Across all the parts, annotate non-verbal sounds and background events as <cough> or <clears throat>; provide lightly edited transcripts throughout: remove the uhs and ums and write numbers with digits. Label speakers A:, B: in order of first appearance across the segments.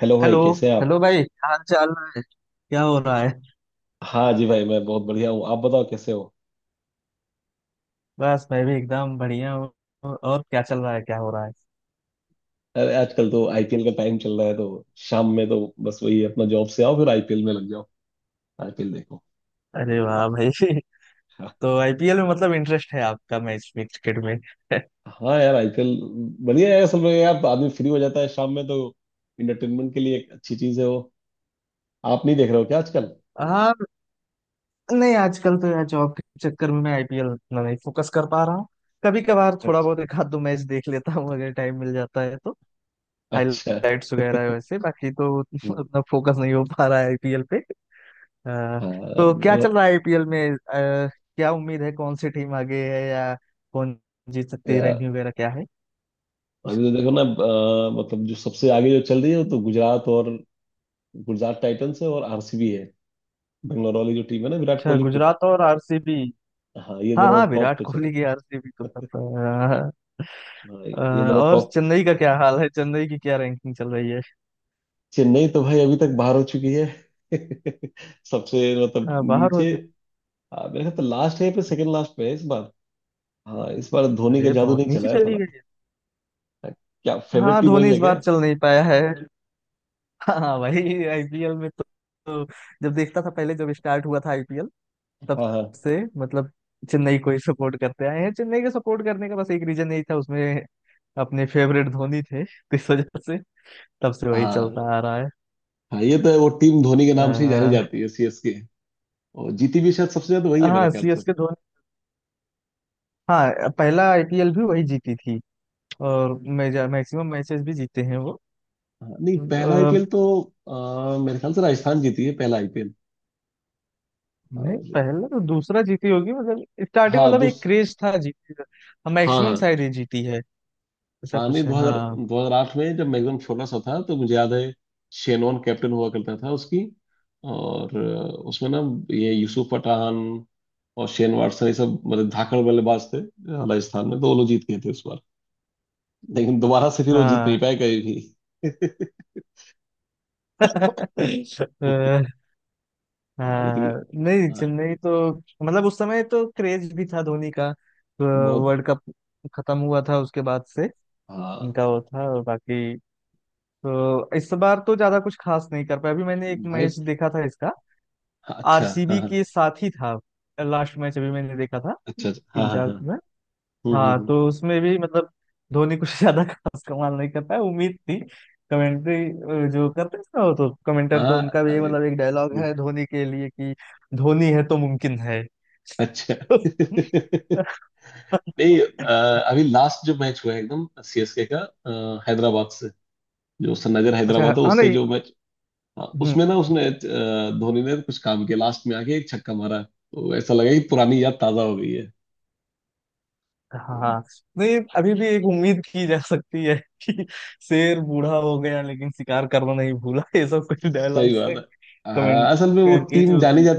A: Hello भाई,
B: hello.
A: कैसे हैं आप।
B: हेलो भाई, क्या हाल चाल है? क्या हो रहा है?
A: हाँ जी भाई, मैं बहुत बढ़िया हूँ। आप बताओ, कैसे हो।
B: बस मैं भी एकदम बढ़िया हूँ। और क्या चल रहा है? क्या हो रहा है?
A: अरे आजकल तो आईपीएल का टाइम चल रहा है तो शाम में तो बस वही, अपना जॉब से आओ फिर आईपीएल में लग जाओ, आईपीएल देखो।
B: अरे वाह
A: हाँ
B: भाई। <laughs>
A: हाँ।
B: तो आईपीएल में मतलब इंटरेस्ट है आपका, मैच में, क्रिकेट में?
A: हाँ यार, आईपीएल बढ़िया है। असल में यार आदमी फ्री हो जाता है शाम में तो, इंटरटेनमेंट के लिए एक अच्छी चीज है वो। आप नहीं देख रहे हो क्या आजकल।
B: <laughs> हाँ। नहीं, आजकल तो यार जॉब के चक्कर में मैं आईपीएल उतना नहीं फोकस कर पा रहा हूँ। कभी कभार थोड़ा
A: अच्छा,
B: बहुत एक आध दो मैच देख लेता हूँ अगर टाइम मिल जाता है तो।
A: अच्छा।
B: हाइलाइट्स वगैरह है वैसे, बाकी तो <laughs>
A: हम्म,
B: उतना फोकस नहीं हो पा रहा है आईपीएल पे। अ,
A: हाँ
B: तो क्या
A: नहीं।
B: चल रहा है आईपीएल में? क्या उम्मीद है, कौन सी टीम आगे है, या कौन जीत सकती है,
A: या,
B: रैंकिंग वगैरह क्या है?
A: अभी तो देखो ना, मतलब जो सबसे आगे जो चल रही है वो तो गुजरात, और गुजरात टाइटंस है, और आरसीबी है, बेंगलोर वाली जो टीम है ना, विराट
B: अच्छा,
A: कोहली की।
B: गुजरात और आरसीबी।
A: हाँ, ये
B: हाँ
A: दोनों
B: हाँ,
A: टॉप
B: विराट
A: पे चले।
B: कोहली की आरसीबी तो सब।
A: हाँ,
B: अ, अ,
A: ये दोनों
B: और
A: टॉप।
B: चेन्नई का क्या हाल है? चेन्नई की क्या रैंकिंग चल रही है?
A: चेन्नई तो भाई अभी तक बाहर हो चुकी है। <laughs> सबसे मतलब
B: बाहर
A: नीचे।
B: होती।
A: हाँ, मेरे ख्याल तो लास्ट है पे, सेकंड लास्ट पे है इस बार। हाँ, इस बार धोनी का
B: अरे,
A: जादू
B: बहुत
A: नहीं
B: नीचे
A: चला है
B: चली
A: थोड़ा।
B: गई है।
A: क्या फेवरेट
B: हाँ,
A: टीम
B: धोनी
A: वही है
B: इस
A: क्या।
B: बार चल नहीं पाया है। हाँ भाई, आईपीएल में तो जब देखता था पहले, जब स्टार्ट हुआ था आईपीएल, तब
A: हाँ। हाँ।
B: से मतलब चेन्नई को ही सपोर्ट करते आए हैं। चेन्नई को सपोर्ट करने का बस एक रीजन यही था, उसमें अपने फेवरेट धोनी थे तो इस वजह से तब से वही
A: हाँ,
B: चलता आ रहा है।
A: हाँ, ये तो है। वो टीम धोनी के नाम से ही जानी
B: अह,
A: जाती है, सीएसके। और जीती भी शायद सबसे ज्यादा वही है मेरे
B: हाँ,
A: ख्याल से।
B: सीएसके, धोनी। हाँ, पहला आईपीएल भी वही जीती थी, और मेजर मैक्सिमम मैचेस भी जीते हैं वो।
A: हाँ, नहीं पहला
B: अह,
A: आईपीएल तो मेरे ख्याल से राजस्थान जीती है पहला आईपीएल।
B: नहीं,
A: और
B: पहला तो दूसरा जीती होगी, मतलब स्टार्टिंग
A: हाँ
B: मतलब एक
A: दूस
B: क्रेज था, जीती का
A: हाँ,
B: मैक्सिमम
A: हाँ।
B: शायद ये जीती है, ऐसा
A: हाँ नहीं,
B: कुछ है। हाँ।
A: 2008 में जब मैं एकदम छोटा सा था तो मुझे याद है, शेनॉन कैप्टन हुआ करता था उसकी। और उसमें ना, ये यूसुफ पठान और शेन वाटसन, ये सब मतलब धाकड़ बल्लेबाज थे राजस्थान में, तो वो लोग जीत गए थे उस बार। लेकिन दोबारा से फिर वो जीत
B: हाँ।
A: नहीं पाए कभी भी। <laughs>
B: <laughs>
A: हाँ, लेकिन
B: हाँ। नहीं,
A: हाँ।
B: चेन्नई तो मतलब उस समय तो क्रेज भी था धोनी का तो।
A: बहुत।
B: वर्ल्ड कप खत्म हुआ था उसके बाद से,
A: हाँ
B: इनका वो था। और बाकी तो इस बार तो ज्यादा कुछ खास नहीं कर पाया, अभी मैंने एक
A: भाई।
B: मैच देखा था इसका,
A: हाँ, अच्छा, हाँ
B: आरसीबी
A: हाँ।
B: के साथ ही था। लास्ट मैच अभी मैंने देखा था,
A: अच्छा अच्छा, हाँ
B: तीन
A: हाँ
B: चार
A: हाँ।
B: में।
A: हम्म हम्म
B: हाँ,
A: हम्म।
B: तो उसमें भी मतलब धोनी कुछ <laughs> ज्यादा खास कमाल नहीं करता है, उम्मीद थी। कमेंट्री जो करते हैं ना, वो तो कमेंटर
A: हाँ
B: तो उनका भी
A: अरे।
B: मतलब एक डायलॉग है धोनी के लिए कि धोनी है तो मुमकिन है। <laughs>
A: अच्छा। <laughs> नहीं, अभी लास्ट जो मैच हुआ है एकदम सीएसके का हैदराबाद से, जो सनराइजर
B: अच्छा,
A: हैदराबाद है
B: हाँ।
A: उससे
B: नहीं।
A: जो मैच। हाँ,
B: हम्म,
A: उसमें ना उसने, धोनी ने कुछ काम किया लास्ट में आके, एक छक्का मारा तो ऐसा लगा कि पुरानी याद ताजा हो गई है।
B: हाँ हाँ। नहीं, अभी भी एक उम्मीद की जा सकती है कि शेर बूढ़ा हो गया लेकिन शिकार करना नहीं भूला। <laughs> ये सब कुछ
A: सही
B: डायलॉग्स
A: बात
B: है,
A: है, हाँ।
B: कमेंट
A: असल में वो
B: करके, जो कि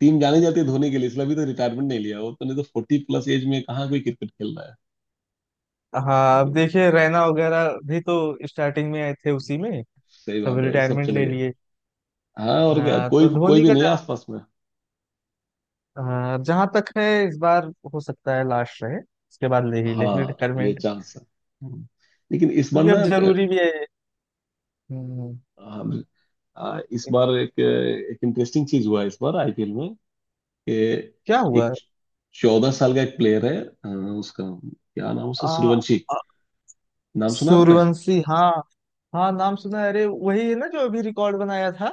A: टीम जानी जाती है धोनी के लिए। इसलिए अभी तो रिटायरमेंट नहीं लिया, वो तो नहीं तो 40 प्लस एज में कहाँ कोई क्रिकेट खेल रहा है।
B: हाँ, अब
A: लेकिन
B: देखिए रैना वगैरह भी तो स्टार्टिंग में आए थे उसी में,
A: सही
B: सब
A: बात है, वो सब
B: रिटायरमेंट
A: चले
B: ले
A: गए।
B: लिए।
A: हाँ, और क्या,
B: हाँ
A: कोई
B: तो
A: कोई
B: धोनी
A: भी
B: का
A: नहीं है
B: जहाँ,
A: आसपास में।
B: हाँ, जहाँ तक है इस बार, हो सकता है लास्ट रहे, उसके बाद ले ही ले
A: हाँ, ये
B: रिटायरमेंट,
A: चांस है। हम्म। लेकिन इस बार
B: क्योंकि अब
A: ना,
B: जरूरी भी है। हम्म,
A: हाँ, इस बार एक एक इंटरेस्टिंग चीज हुआ है इस बार आईपीएल में, कि
B: क्या हुआ?
A: एक चौदह साल का एक प्लेयर है, उसका क्या नाम, उसका
B: आ,
A: सूर्यवंशी
B: आ,
A: नाम। सुना आपने।
B: सूर्यवंशी। हाँ हाँ, नाम सुना है। अरे वही है ना जो अभी रिकॉर्ड बनाया था।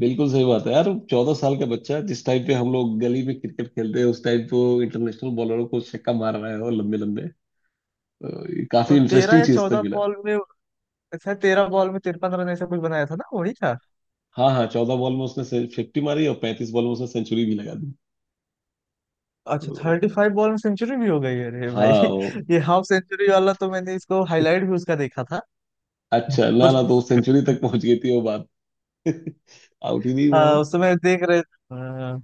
A: बिल्कुल सही बात है यार। 14 साल का बच्चा, जिस टाइम पे हम लोग गली में क्रिकेट खेलते हैं उस टाइम पे वो इंटरनेशनल बॉलरों को छक्का मार रहा है, और लंबे लंबे। तो ये काफी
B: तो तेरह
A: इंटरेस्टिंग
B: या
A: चीज तो
B: चौदह
A: मिला।
B: बॉल में, अच्छा 13 बॉल में 53 रन ऐसा कुछ बनाया था ना, वही था।
A: हाँ हाँ, 14 बॉल में उसने 50 मारी, और 35 बॉल में उसने सेंचुरी भी लगा दी।
B: अच्छा,
A: तो
B: 35 बॉल में सेंचुरी भी हो गई है? अरे भाई!
A: हाँ, वो
B: <laughs> ये हाफ सेंचुरी वाला तो मैंने इसको हाईलाइट भी उसका देखा था। <laughs>
A: अच्छा, ना
B: और
A: ना तो सेंचुरी तक पहुंच गई थी वो बात, आउट ही नहीं हुआ
B: हाँ,
A: हो।
B: उस समय देख रहे। हाँ।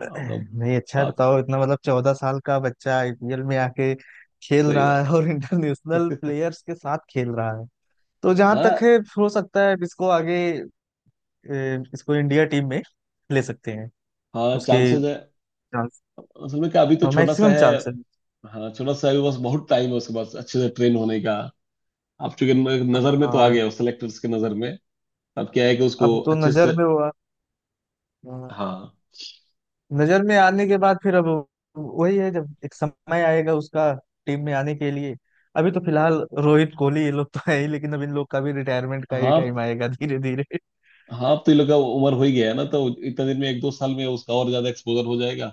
B: <clears throat>
A: मतलब
B: नहीं, अच्छा है,
A: आप।
B: बताओ इतना मतलब 14 साल का बच्चा आईपीएल में आके खेल
A: सही
B: रहा
A: बात।
B: है, और इंटरनेशनल प्लेयर्स के साथ खेल रहा है। तो जहां तक
A: हाँ
B: है, हो सकता है इसको आगे, इसको इंडिया टीम में ले सकते हैं।
A: हाँ,
B: उसके
A: चांसेस है।
B: चांस,
A: असल में क्या, अभी तो छोटा सा
B: मैक्सिमम
A: है।
B: चांस है।
A: हाँ, छोटा सा है, बस बहुत टाइम है उसके पास अच्छे से ट्रेन होने का। आप चूंकि नजर में तो आ
B: और
A: गया हो, सेलेक्टर्स की नजर में। अब क्या है कि
B: अब
A: उसको
B: तो
A: अच्छे
B: नजर
A: से।
B: में हुआ,
A: हाँ।
B: नजर में आने के बाद फिर अब वही है, जब एक समय आएगा उसका टीम में आने के लिए। अभी तो फिलहाल रोहित, कोहली ये लोग तो है ही, लेकिन अब इन लोग का भी रिटायरमेंट का ही
A: हाँ।
B: टाइम आएगा धीरे धीरे।
A: हाँ, अब तो ये लोग का उम्र हो ही गया है ना, तो इतना दिन में, 1-2 साल में उसका और ज्यादा एक्सपोजर हो जाएगा।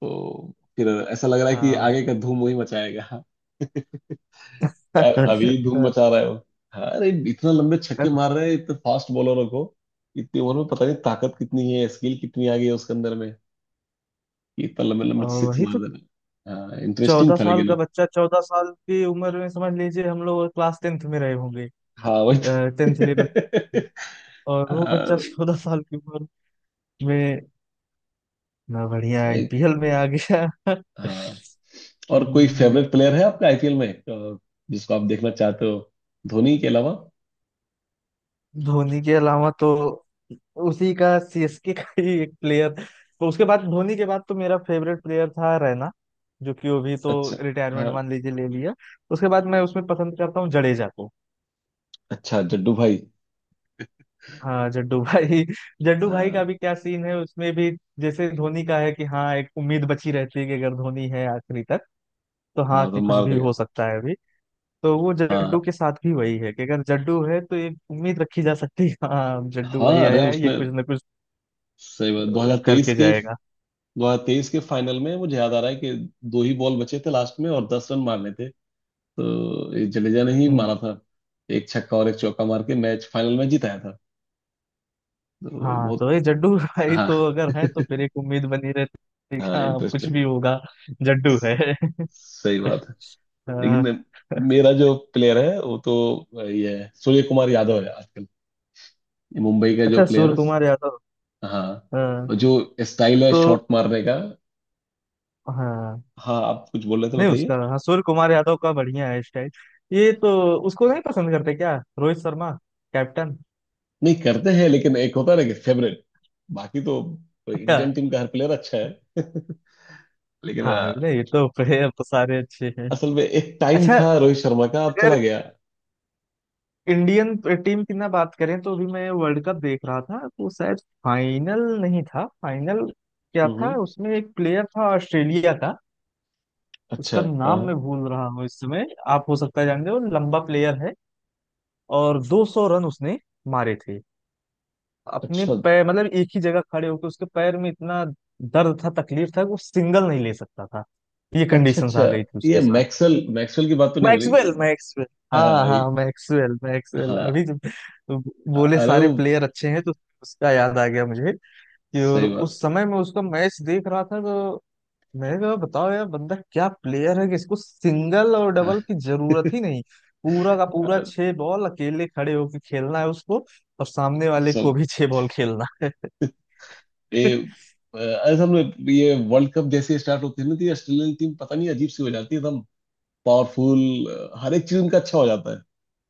A: तो फिर ऐसा लग रहा है कि
B: हाँ।
A: आगे का धूम वही मचाएगा। अभी धूम मचा रहे
B: <laughs>
A: हो। हाँ अरे, इतना लंबे छक्के मार रहे हैं इतने फास्ट बॉलरों को। इतनी उम्र में पता नहीं ताकत कितनी है, स्किल कितनी आ गई है उसके अंदर में, कि इतना लंबे लंबे
B: और
A: सिक्स
B: वही
A: मार
B: तो,
A: दे रहे हैं। हाँ, इंटरेस्टिंग
B: चौदह
A: था।
B: साल का
A: लेकिन
B: बच्चा, 14 साल की उम्र में समझ लीजिए हम लोग क्लास 10th में रहे होंगे,
A: हाँ, वही
B: 10th, 11th,
A: तो।
B: और
A: <laughs>
B: वो बच्चा
A: हाँ।
B: 14 साल की उम्र में ना बढ़िया
A: एक-
B: आईपीएल में आ गया। <laughs>
A: हाँ। और कोई
B: हम्म,
A: फेवरेट प्लेयर है आपका आईपीएल में, जिसको आप देखना चाहते हो, धोनी के अलावा।
B: धोनी के अलावा तो उसी का सीएसके का ही एक प्लेयर, तो उसके बाद, धोनी के बाद तो मेरा फेवरेट प्लेयर था रैना, जो कि वो भी तो
A: अच्छा।
B: रिटायरमेंट
A: हाँ।
B: मान लीजिए ले लिया। उसके बाद मैं उसमें पसंद करता हूँ जडेजा को।
A: अच्छा, जड्डू भाई।
B: हाँ, जड्डू भाई। <laughs> जड्डू भाई का
A: हाँ।
B: भी क्या सीन है, उसमें भी जैसे धोनी का है कि हाँ एक उम्मीद बची रहती है कि अगर धोनी है आखिरी तक, तो हाँ
A: हाँ, तो
B: कि कुछ
A: मार
B: भी हो
A: देगा।
B: सकता है अभी। तो वो जड्डू
A: हाँ।
B: के साथ भी वही है कि अगर जड्डू है तो ये उम्मीद रखी जा सकती है, हाँ जड्डू
A: हाँ
B: भाई
A: अरे,
B: आया है ये
A: उसने
B: कुछ ना कुछ
A: सही बात, 2023
B: करके
A: के
B: जाएगा।
A: 2023 के फाइनल में मुझे याद आ रहा है कि 2 ही बॉल बचे थे लास्ट में, और 10 रन मारने थे। तो ये जडेजा ने ही
B: हम्म।
A: मारा था, एक छक्का और एक चौका मार के मैच फाइनल में जिताया था। तो
B: हाँ
A: बहुत।
B: तो ये जड्डू <laughs> भाई
A: हाँ।
B: तो अगर है तो फिर
A: <laughs>
B: एक उम्मीद बनी रहती है कि
A: हाँ,
B: हाँ कुछ
A: इंटरेस्टिंग,
B: भी होगा, जड्डू है। <laughs>
A: सही बात है।
B: हाँ।
A: लेकिन मेरा जो प्लेयर है वो तो ये है, सूर्य कुमार यादव है आजकल, ये मुंबई का जो
B: अच्छा,
A: प्लेयर
B: सूर्य
A: है।
B: कुमार यादव।
A: हाँ। और
B: हाँ।
A: जो स्टाइल है
B: तो
A: शॉट मारने का।
B: हाँ,
A: हाँ, आप कुछ बोल रहे थे,
B: नहीं
A: बताइए।
B: उसका, हाँ सूर्य कुमार यादव का बढ़िया है स्टाइल। ये तो, उसको नहीं पसंद करते क्या रोहित शर्मा, कैप्टन?
A: नहीं करते हैं, लेकिन एक होता है ना कि फेवरेट। बाकी तो
B: अच्छा।
A: इंडियन टीम का हर प्लेयर अच्छा है। <laughs> लेकिन
B: हाँ, नहीं ये तो <laughs> प्लेयर तो सारे अच्छे हैं।
A: असल में एक टाइम
B: अच्छा,
A: था रोहित शर्मा का, अब चला
B: अगर
A: गया।
B: इंडियन टीम की ना बात करें, तो अभी मैं वर्ल्ड कप देख रहा था, तो शायद फाइनल नहीं था, फाइनल क्या
A: हम्म
B: था,
A: हम्म,
B: उसमें एक प्लेयर था ऑस्ट्रेलिया का, उसका
A: अच्छा। हाँ।
B: नाम मैं भूल रहा हूँ इस समय। आप हो सकता है जानते हो, लंबा प्लेयर है, और 200 रन उसने मारे थे अपने
A: अच्छा,
B: पैर, मतलब एक ही जगह खड़े होकर, उसके पैर में इतना दर्द था, तकलीफ था कि वो सिंगल नहीं ले सकता था। ये
A: अच्छा,
B: कंडीशंस
A: अच्छा।
B: आ गई थी
A: ये
B: उसके।
A: मैक्सवेल, मैक्सवेल की बात तो नहीं हो रही।
B: मैक्सवेल? मैक्सवेल? हाँ
A: हाँ,
B: हाँ, मैक्सवेल मैक्सवेल।
A: हाँ।
B: अभी जब बोले
A: अरे वो
B: सारे प्लेयर अच्छे हैं तो उसका याद आ गया मुझे, कि और
A: सही बात।
B: उस समय मैं उसका मैच देख रहा था तो मैंने कहा, बताओ यार, बंदा क्या प्लेयर है कि इसको सिंगल और डबल
A: हाँ।
B: की जरूरत ही नहीं। पूरा का
A: <laughs>
B: पूरा
A: अ,
B: 6 बॉल अकेले खड़े होकर खेलना है उसको, और सामने वाले को
A: सब
B: भी 6 बॉल खेलना है।
A: ये,
B: <laughs>
A: असल में ये वर्ल्ड कप जैसे स्टार्ट होती है ना, तो ये ऑस्ट्रेलियन टीम पता नहीं अजीब सी हो जाती है, पावरफुल, हर एक चीज उनका अच्छा हो जाता है।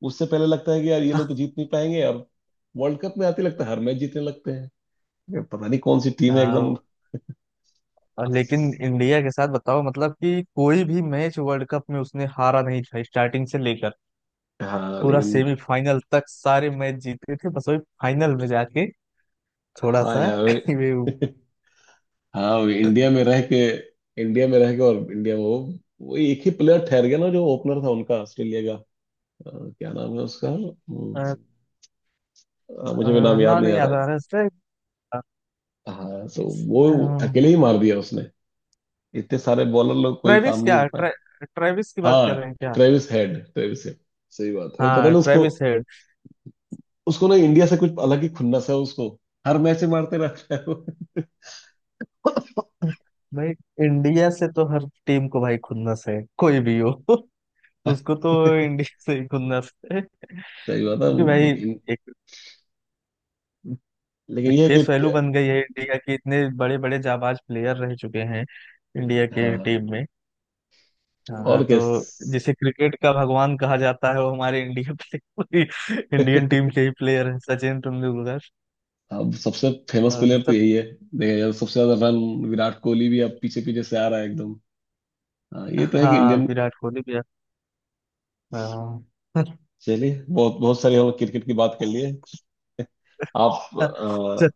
A: उससे पहले लगता है कि यार ये लोग तो जीत नहीं पाएंगे, और वर्ल्ड कप में आते लगता है हर मैच जीतने लगते हैं। ये पता नहीं कौन सी टीम है
B: हाँ।
A: एकदम।
B: और लेकिन इंडिया के साथ बताओ मतलब कि कोई भी मैच वर्ल्ड कप में उसने हारा नहीं था, स्टार्टिंग से लेकर
A: हाँ
B: पूरा
A: लेकिन।
B: सेमीफाइनल तक सारे मैच जीते थे, बस वही फाइनल में जाके थोड़ा
A: हाँ
B: सा <laughs>
A: यार।
B: कहीं भी वो,
A: <laughs> हाँ, वो इंडिया में रह के, इंडिया में रह के, और इंडिया में वो एक ही प्लेयर ठहर गया ना, जो ओपनर था उनका, ऑस्ट्रेलिया का। अ, क्या नाम है उसका।
B: अ,
A: मुझे भी नाम याद
B: नाम
A: नहीं
B: नहीं
A: आ रहा
B: याद आ
A: है।
B: रहा इसका।
A: हाँ तो वो अकेले ही मार दिया उसने, इतने सारे बॉलर लोग, कोई काम
B: ट्रेविस
A: नहीं हो
B: क्या,
A: पाया।
B: ट्रेविस की बात
A: हाँ,
B: कर रहे हैं क्या?
A: ट्रेविस हेड, ट्रेविस हेड, सही बात है। वो पता
B: हाँ,
A: ना उसको,
B: ट्रेविस हेड।
A: उसको ना इंडिया से कुछ अलग ही खुन्नस है उसको, हर मैच में मारते रहता है वो।
B: भाई, इंडिया से तो हर टीम को भाई खुन्नस है, कोई भी हो। <laughs>
A: <laughs>
B: उसको तो इंडिया से ही खुन्नस है,
A: सही बात है,
B: क्योंकि भाई
A: मतलब
B: एक,
A: लेकिन
B: एक
A: ये है
B: फेस
A: कि
B: वैल्यू बन गई है इंडिया की, इतने बड़े बड़े जाबाज प्लेयर रह चुके हैं इंडिया के
A: हाँ,
B: टीम में। हाँ,
A: और
B: तो
A: क्या।
B: जिसे क्रिकेट का भगवान कहा जाता है वो हमारे इंडिया प्ले <laughs> इंडियन टीम के ही प्लेयर है, सचिन तेंदुलकर।
A: अब सबसे फेमस
B: और
A: प्लेयर तो
B: सब।
A: यही है। देखिए यार, सबसे ज्यादा रन विराट कोहली भी अब पीछे पीछे से आ रहा है एकदम। हाँ, ये तो है कि
B: हाँ,
A: इंडियन।
B: विराट कोहली भी है। हाँ।
A: चलिए, बहुत बहुत सारी हम क्रिकेट की बात कर लिए। आप
B: <laughs> चल,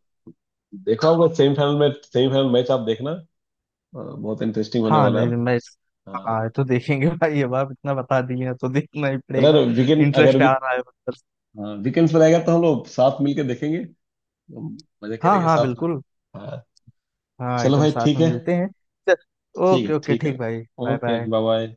A: देखा होगा सेमीफाइनल में, सेमीफाइनल मैच आप देखना, बहुत इंटरेस्टिंग होने
B: हाँ,
A: वाला है।
B: नहीं नहीं, मैं,
A: हाँ,
B: हाँ ये तो देखेंगे भाई, अब आप इतना बता दिए हैं तो देखना ही पड़ेगा,
A: चलो वीकेंड, अगर
B: इंटरेस्ट आ रहा है मतलब।
A: वीकेंड पर आएगा तो हम लोग साथ मिलके देखेंगे। हम मजे
B: हाँ
A: करेंगे
B: हाँ,
A: साथ में।
B: बिल्कुल।
A: हाँ।
B: हाँ,
A: चलो
B: एकदम
A: भाई,
B: साथ
A: ठीक
B: में
A: है।
B: मिलते हैं। चल,
A: ठीक है,
B: ओके ओके,
A: ठीक है।
B: ठीक भाई। Bye
A: okay,
B: bye.
A: Bye bye.